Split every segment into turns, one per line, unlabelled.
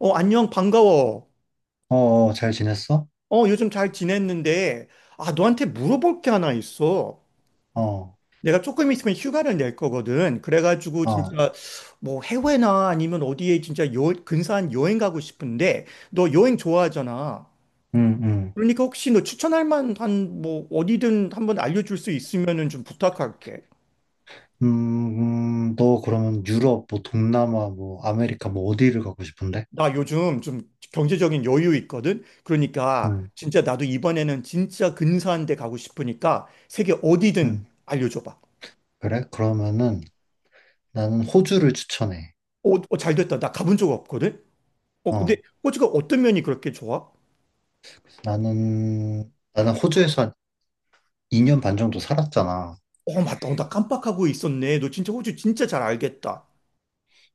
어, 안녕, 반가워.
어, 어, 잘 지냈어?
어, 요즘 잘 지냈는데, 아, 너한테 물어볼 게 하나 있어.
어,
내가 조금 있으면 휴가를 낼 거거든. 그래가지고,
아,
진짜, 뭐, 해외나 아니면 어디에 진짜 요, 근사한 여행 가고 싶은데, 너 여행 좋아하잖아.
음, 음.
그러니까 혹시 너 추천할 만한, 뭐, 어디든 한번 알려줄 수 있으면은 좀 부탁할게.
너 그러면 유럽, 뭐, 동남아, 뭐, 아메리카, 뭐, 어디를 가고 싶은데?
나 요즘 좀 경제적인 여유 있거든. 그러니까,
음,
진짜 나도 이번에는 진짜 근사한 데 가고 싶으니까, 세계 어디든
음.
알려줘봐.
그래? 그러면은 나는 호주를 추천해.
어, 어, 잘 됐다. 나 가본 적 없거든? 어, 근데
어,
호주가 어떤 면이 그렇게 좋아?
나는 호주에서 한 2년 반 정도 살았잖아.
어, 맞다. 어, 나 깜빡하고 있었네. 너 진짜 호주 진짜 잘 알겠다.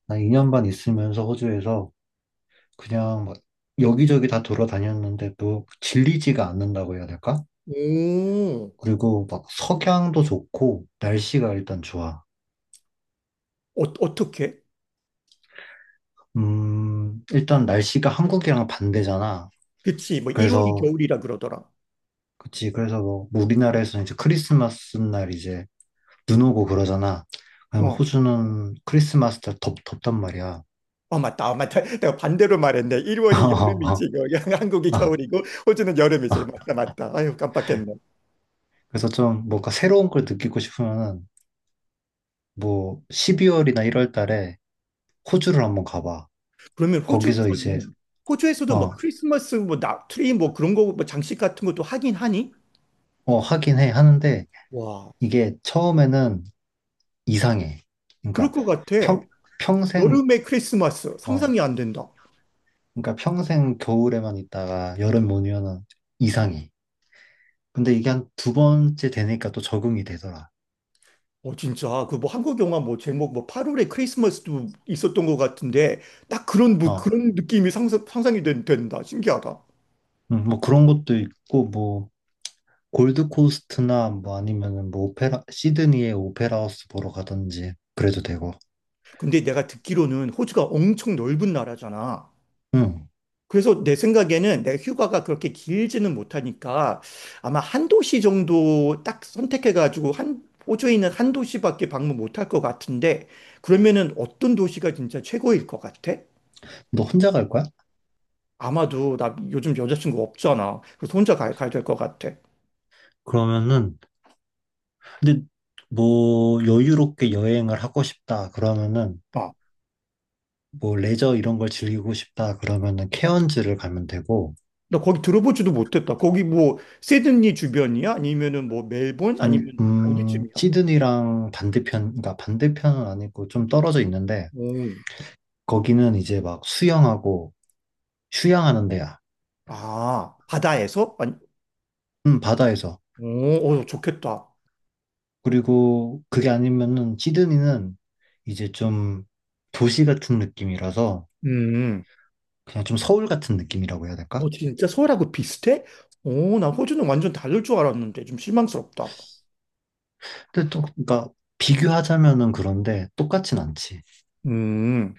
난 2년 반 있으면서 호주에서 그냥 막 여기저기 다 돌아다녔는데 도 질리지가 않는다고 해야 될까?
오,
그리고 막 석양도 좋고, 날씨가 일단 좋아.
어, 어떻게?
일단 날씨가 한국이랑 반대잖아.
그치. 뭐, 1월이
그래서,
겨울이라 그러더라.
그치. 그래서 뭐, 우리나라에서는 이제 크리스마스 날 이제 눈 오고 그러잖아. 그럼
어.
호주는 크리스마스 날 덥단 말이야.
어, 맞다. 어, 맞다. 내가 반대로 말했네. 1월이
어, 어,
여름이지. 그 한국이
어,
겨울이고, 호주는 여름이지.
어.
맞다, 맞다. 아유, 깜빡했네.
그래서 좀 뭔가 새로운 걸 느끼고 싶으면은 뭐 12월이나 1월 달에 호주를 한번 가봐.
그러면
거기서 이제,
호주에서는, 호주에서도 뭐
어,
크리스마스, 뭐, 나, 트리, 뭐 그런 거, 뭐 장식 같은 것도 하긴 하니?
어, 하긴 해. 하는데
와,
이게 처음에는 이상해.
그럴
그러니까
것 같아.
평, 평생,
여름의 크리스마스
어,
상상이 안 된다.
평생 겨울에만 있다가 여름 오면은 이상해. 근데 이게 한 두 번째 되니까 또 적응이 되더라.
어 진짜 그 뭐 한국 영화 뭐 제목 뭐 8월의 크리스마스도 있었던 것 같은데 딱 그런 뭐
어,
그런 느낌이 상상이 된다. 신기하다.
뭐 그런 것도 있고 뭐 골드코스트나 뭐 아니면은 뭐 오페라 시드니의 오페라하우스 보러 가든지 그래도 되고.
근데 내가 듣기로는 호주가 엄청 넓은 나라잖아.
응.
그래서 내 생각에는 내가 휴가가 그렇게 길지는 못하니까 아마 한 도시 정도 딱 선택해가지고 한 호주에 있는 한 도시밖에 방문 못할 것 같은데 그러면은 어떤 도시가 진짜 최고일 것 같아?
너 혼자 갈 거야?
아마도 나 요즘 여자친구 없잖아. 그래서 혼자 가야 될 것 같아.
그러면은 근데 뭐 여유롭게 여행을 하고 싶다 그러면은
어.
뭐 레저 이런 걸 즐기고 싶다 그러면은 케언즈를 가면 되고.
나 거기 들어보지도 못했다. 거기 뭐 시드니 주변이야? 아니면은 뭐 멜본?
아니,
아니면 어디쯤이야?
시드니랑 반대편, 그러니까 반대편은 아니고 좀 떨어져 있는데,
오,
거기는 이제 막 수영하고 휴양하는 데야.
아, 바다에서? 아니,
바다에서.
오, 오, 좋겠다.
그리고 그게 아니면은 시드니는 이제 좀 도시 같은 느낌이라서
음.
그냥 좀 서울 같은 느낌이라고 해야
어,
될까?
진짜 서울하고 비슷해? 오, 나 호주는 완전 다를 줄 알았는데 좀 실망스럽다.
근데 또, 그러니까 비교하자면은 그런데 똑같진 않지.
음.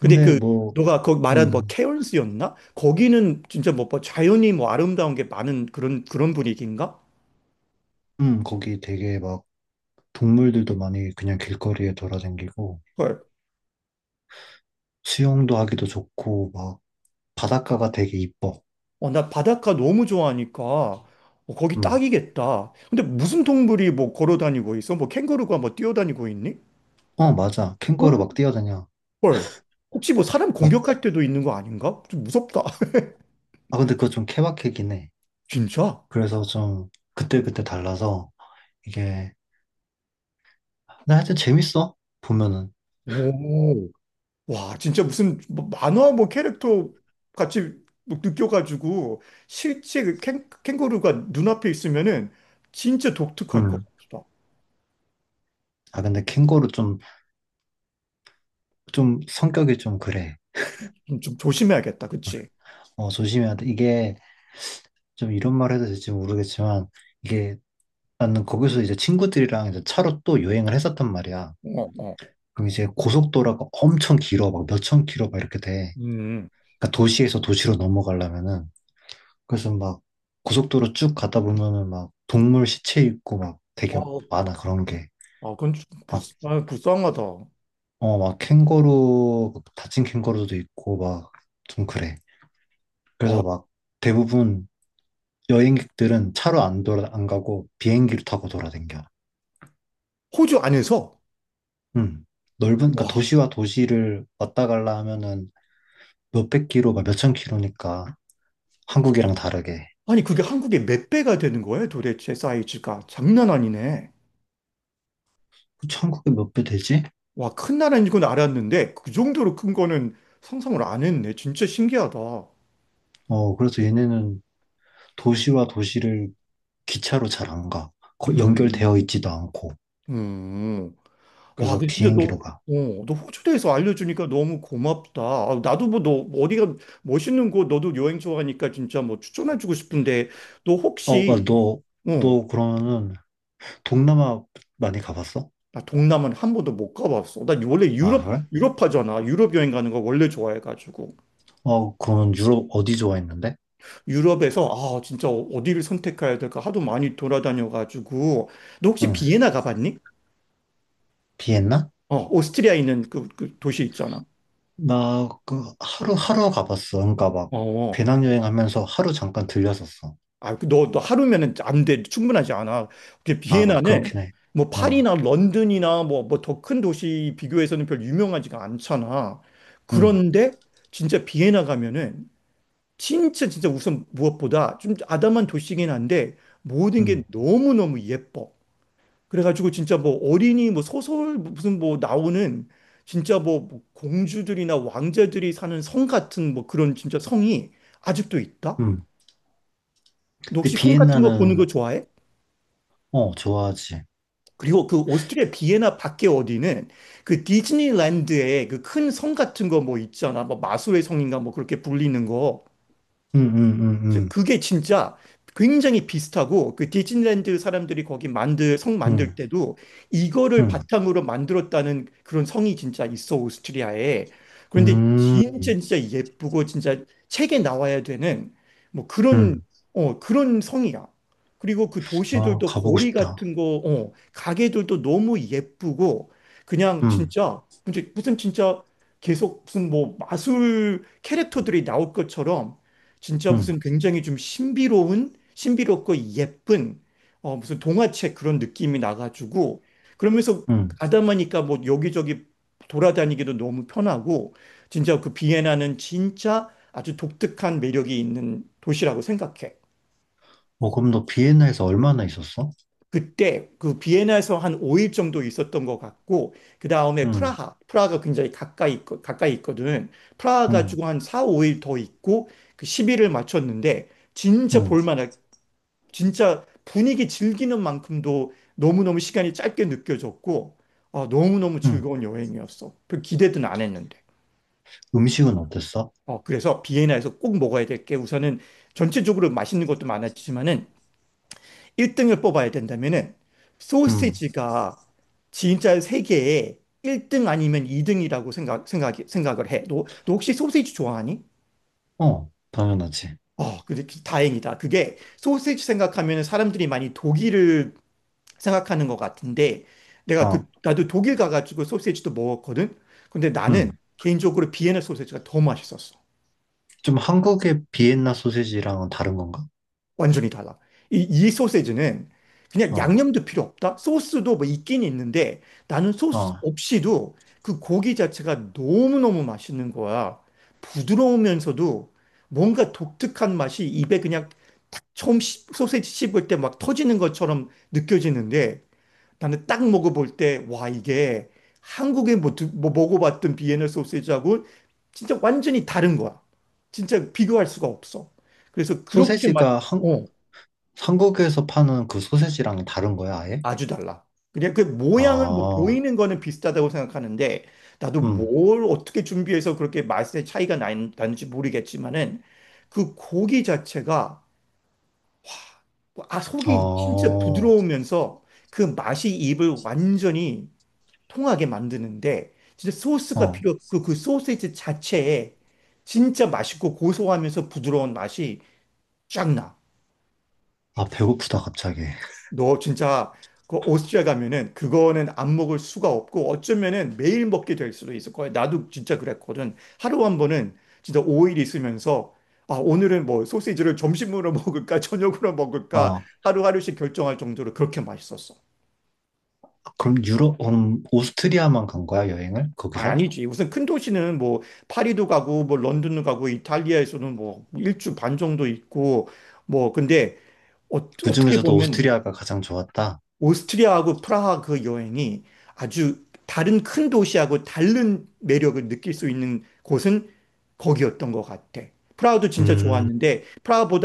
근데 그
뭐,
너가 거기 말한 뭐
음,
케언스였나? 거기는 진짜 뭐, 뭐 자연이 뭐 아름다운 게 많은 그런 그런 분위기인가?
거기 되게 막 동물들도 많이 그냥 길거리에 돌아다니고
헐.
수영도 하기도 좋고 막 바닷가가 되게 이뻐.
어, 나 바닷가 너무 좋아하니까 어, 거기
음.
딱이겠다. 근데 무슨 동물이 뭐 걸어 다니고 있어? 뭐 캥거루가 뭐 뛰어다니고 있니?
어, 맞아. 캥거루
헐.
막 뛰어다녀.
헐. 혹시 뭐 사람
막-
공격할 때도 있는 거 아닌가? 좀 무섭다.
아, 근데 그거 좀 케바케긴 해.
진짜?
그래서 좀 그때그때 달라서 이게, 근데 하여튼 재밌어. 보면은.
오. 와, 진짜 무슨 뭐 만화 뭐 캐릭터 같이 뭐 느껴가지고 실제 그 캥거루가 눈앞에 있으면은 진짜 독특할 것
음.
같다.
아, 근데 캥거루 좀 성격이 좀 그래.
좀, 좀 조심해야겠다. 그치?
어, 조심해야 돼. 이게 좀 이런 말 해도 될지 모르겠지만 이게 나는 거기서 이제 친구들이랑 이제 차로 또 여행을 했었단 말이야.
어, 어.
그럼 이제 고속도로가 엄청 길어. 막 몇천 킬로 막 이렇게 돼.
음.
그러니까 도시에서 도시로 넘어가려면은 그래서 막 고속도로 쭉 가다 보면은 막 동물 시체 있고 막 되게
어,
많아 그런 게.
아, 그건 좀
막,
아, 불쌍하다. 아,
막 캥거루, 막 다친 캥거루도 있고 막 좀 그래. 그래서 막 대부분 여행객들은 차로 안 가고 비행기를 타고 돌아댕겨.
호주 안에서?
음. 넓은, 그러니까
와,
도시와 도시를 왔다 갈라 하면은 몇백 킬로, 막 몇천 킬로니까 한국이랑 다르게.
아니 그게 한국의 몇 배가 되는 거예요, 도대체 사이즈가? 장난 아니네.
그치, 한국에 몇 배 되지?
와, 큰 나라인 건 알았는데 그 정도로 큰 거는 상상을 안 했네. 진짜 신기하다.
어, 그래서 얘네는 도시와 도시를 기차로 잘 안 가. 연결되어
음,
있지도 않고.
음. 와,
그래서
근데 진짜 너,
비행기로 가.
어, 너 호주 대해서 알려주니까 너무 고맙다. 아, 나도 뭐 너 어디가 멋있는 곳, 너도 여행 좋아하니까 진짜 뭐 추천해주고 싶은데 너
어, 오빠,
혹시
너,
어,
너 그러면은 동남아 많이 가봤어?
나 동남아는 한 번도 못 가봤어. 나 원래
아,
유럽,
그래?
유럽파잖아. 유럽 여행 가는 거 원래 좋아해가지고.
어, 그러면 유럽 어디 좋아했는데?
유럽에서, 아, 진짜 어디를 선택해야 될까 하도 많이 돌아다녀가지고. 너 혹시
응.
비엔나 가봤니?
비엔나?
어, 오스트리아 있는 그, 그 도시 있잖아.
나 그 하루 가봤어. 그러니까 막
어, 어.
배낭여행 하면서 하루 잠깐 들렸었어.
아, 그 너, 너 하루면은 안 돼. 충분하지 않아. 그
아,
비엔나는
그렇긴 해.
뭐
어,
파리나 런던이나 뭐, 뭐 더 큰 도시 비교해서는 별 유명하지가 않잖아.
응,
그런데 진짜 비엔나 가면은 진짜 진짜 우선 무엇보다 좀 아담한 도시긴 한데 모든 게
응,
너무너무 예뻐. 그래가지고 진짜 뭐 어린이 뭐 소설 무슨 뭐 나오는 진짜 뭐뭐 공주들이나 왕자들이 사는 성 같은 뭐 그런 진짜 성이 아직도 있다?
응.
너
근데
혹시 성 같은 거 보는 거
비엔나는,
좋아해?
어, 좋아하지.
그리고 그 오스트리아 비엔나 밖에 어디는 그 디즈니랜드에 그 큰 성 같은 거 뭐 있잖아. 뭐 마술의 성인가 뭐 그렇게 불리는 거.
응, 응, 응, 응,
그게 진짜 굉장히 비슷하고 그 디즈니랜드 사람들이 거기 만들 성 만들
응,
때도 이거를 바탕으로 만들었다는 그런 성이 진짜 있어 오스트리아에. 그런데
응,
진짜
응,
진짜 예쁘고 진짜 책에 나와야 되는 뭐 그런
응.
어 그런 성이야. 그리고 그
아,
도시들도
가보고
거리
싶다.
같은 거, 어, 가게들도 너무 예쁘고 그냥
음,
진짜 무슨 무슨 진짜 계속 무슨 뭐 마술 캐릭터들이 나올 것처럼 진짜
음,
무슨 굉장히 좀 신비로운, 신비롭고 예쁜, 어, 무슨 동화책 그런 느낌이 나가지고, 그러면서
음.
가다보니까 뭐 여기저기 돌아다니기도 너무 편하고, 진짜 그 비엔나는 진짜 아주 독특한 매력이 있는 도시라고 생각해.
어, 그럼 너 비엔나에서 얼마나 있었어?
그때 그 비엔나에서 한 5일 정도 있었던 것 같고, 그 다음에
음,
프라하, 프라하가 굉장히 가까이, 가까이 있거든. 프라하
음,
가지고 한 4, 5일 더 있고, 그 10일을 마쳤는데, 진짜
음,
볼만한 진짜 분위기 즐기는 만큼도 너무너무 시간이 짧게 느껴졌고, 어, 너무너무
음.
즐거운 여행이었어. 별 기대는 안 했는데.
음식은 어땠어?
어, 그래서 비엔나에서 꼭 먹어야 될 게 우선은 전체적으로 맛있는 것도 많았지만은 1등을 뽑아야 된다면은
음,
소시지가 진짜 세계에 1등 아니면 2등이라고 생각을 해. 너, 너 혹시 소시지 좋아하니?
당연하지.
어, 근데 다행이다. 그게 소시지 생각하면 사람들이 많이 독일을 생각하는 것 같은데 내가 그
어,
나도 독일 가가지고 소시지도 먹었거든. 근데 나는
음.
개인적으로 비엔나 소시지가 더 맛있었어.
좀 한국의 비엔나 소세지랑은 다른 건가?
완전히 달라. 이 소시지는 그냥
어,
양념도 필요 없다. 소스도 뭐 있긴 있는데 나는 소스
어.
없이도 그 고기 자체가 너무너무 맛있는 거야. 부드러우면서도 뭔가 독특한 맛이 입에 그냥 처음 소시지 씹을 때 막 터지는 것처럼 느껴지는데 나는 딱 먹어볼 때, 와, 이게 한국에 뭐, 뭐 먹어봤던 비엔나 소시지하고 진짜 완전히 다른 거야. 진짜 비교할 수가 없어. 그래서 그렇게 맛,
소세지가
어,
한국에서 파는 그 소세지랑 다른 거야, 아예?
아주 달라. 그냥 그 모양은 뭐
아,
보이는 거는 비슷하다고 생각하는데, 나도
음,
뭘 어떻게 준비해서 그렇게 맛의 차이가 나는지 모르겠지만은, 그 고기 자체가, 뭐, 아, 속이 진짜
어,
부드러우면서 그 맛이 입을 완전히 통하게 만드는데 진짜 소스가
어.
필요 없고 그 소세지 자체에 진짜 맛있고 고소하면서 부드러운 맛이 쫙 나.
아, 배고프다, 갑자기.
너 진짜 그 오스트리아 가면은 그거는 안 먹을 수가 없고 어쩌면은 매일 먹게 될 수도 있을 거야. 나도 진짜 그랬거든. 하루 한 번은 진짜 5일 있으면서 아, 오늘은 뭐 소시지를 점심으로 먹을까 저녁으로 먹을까
어,
하루하루씩 결정할 정도로 그렇게 맛있었어.
그럼 유럽, 오스트리아만 간 거야, 여행을?
아,
거기서?
아니지. 우선 큰 도시는 뭐 파리도 가고 뭐 런던도 가고 이탈리아에서는 뭐 일주 반 정도 있고 뭐 근데 어,
그
어떻게
중에서도
보면
오스트리아가 가장 좋았다.
오스트리아하고 프라하 그 여행이 아주 다른 큰 도시하고 다른 매력을 느낄 수 있는 곳은 거기였던 것 같아. 프라하도 진짜
음.
좋았는데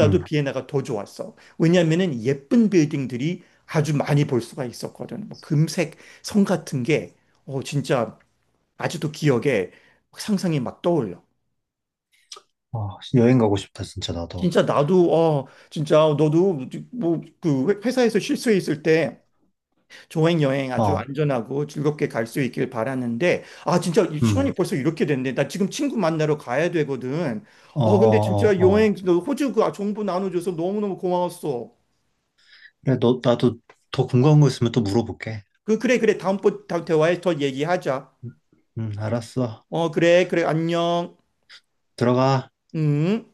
음.
비엔나가 더 좋았어. 왜냐면은 예쁜 빌딩들이 아주 많이 볼 수가 있었거든. 뭐 금색 성 같은 게 어, 진짜 아직도 기억에 막 상상이 막 떠올려.
아, 여행 가고 싶다, 진짜, 나도.
진짜 나도 어 진짜 너도 뭐 그 회사에서 쉴 수 있을 때 조행 여행 아주
어,
안전하고 즐겁게 갈 수 있길 바라는데 아 진짜 이 시간이
음.
벌써 이렇게 됐네. 나 지금 친구 만나러 가야 되거든.
어,
어 근데
어,
진짜
어, 어.
여행 너 호주 그 정보 나눠줘서 너무너무 고마웠어.
그래, 나도 더 궁금한 거 있으면 또 물어볼게.
그 그래 그래 다음번 대화에 더 얘기하자.
음, 알았어.
어 그래 그래 안녕.
들어가.
음.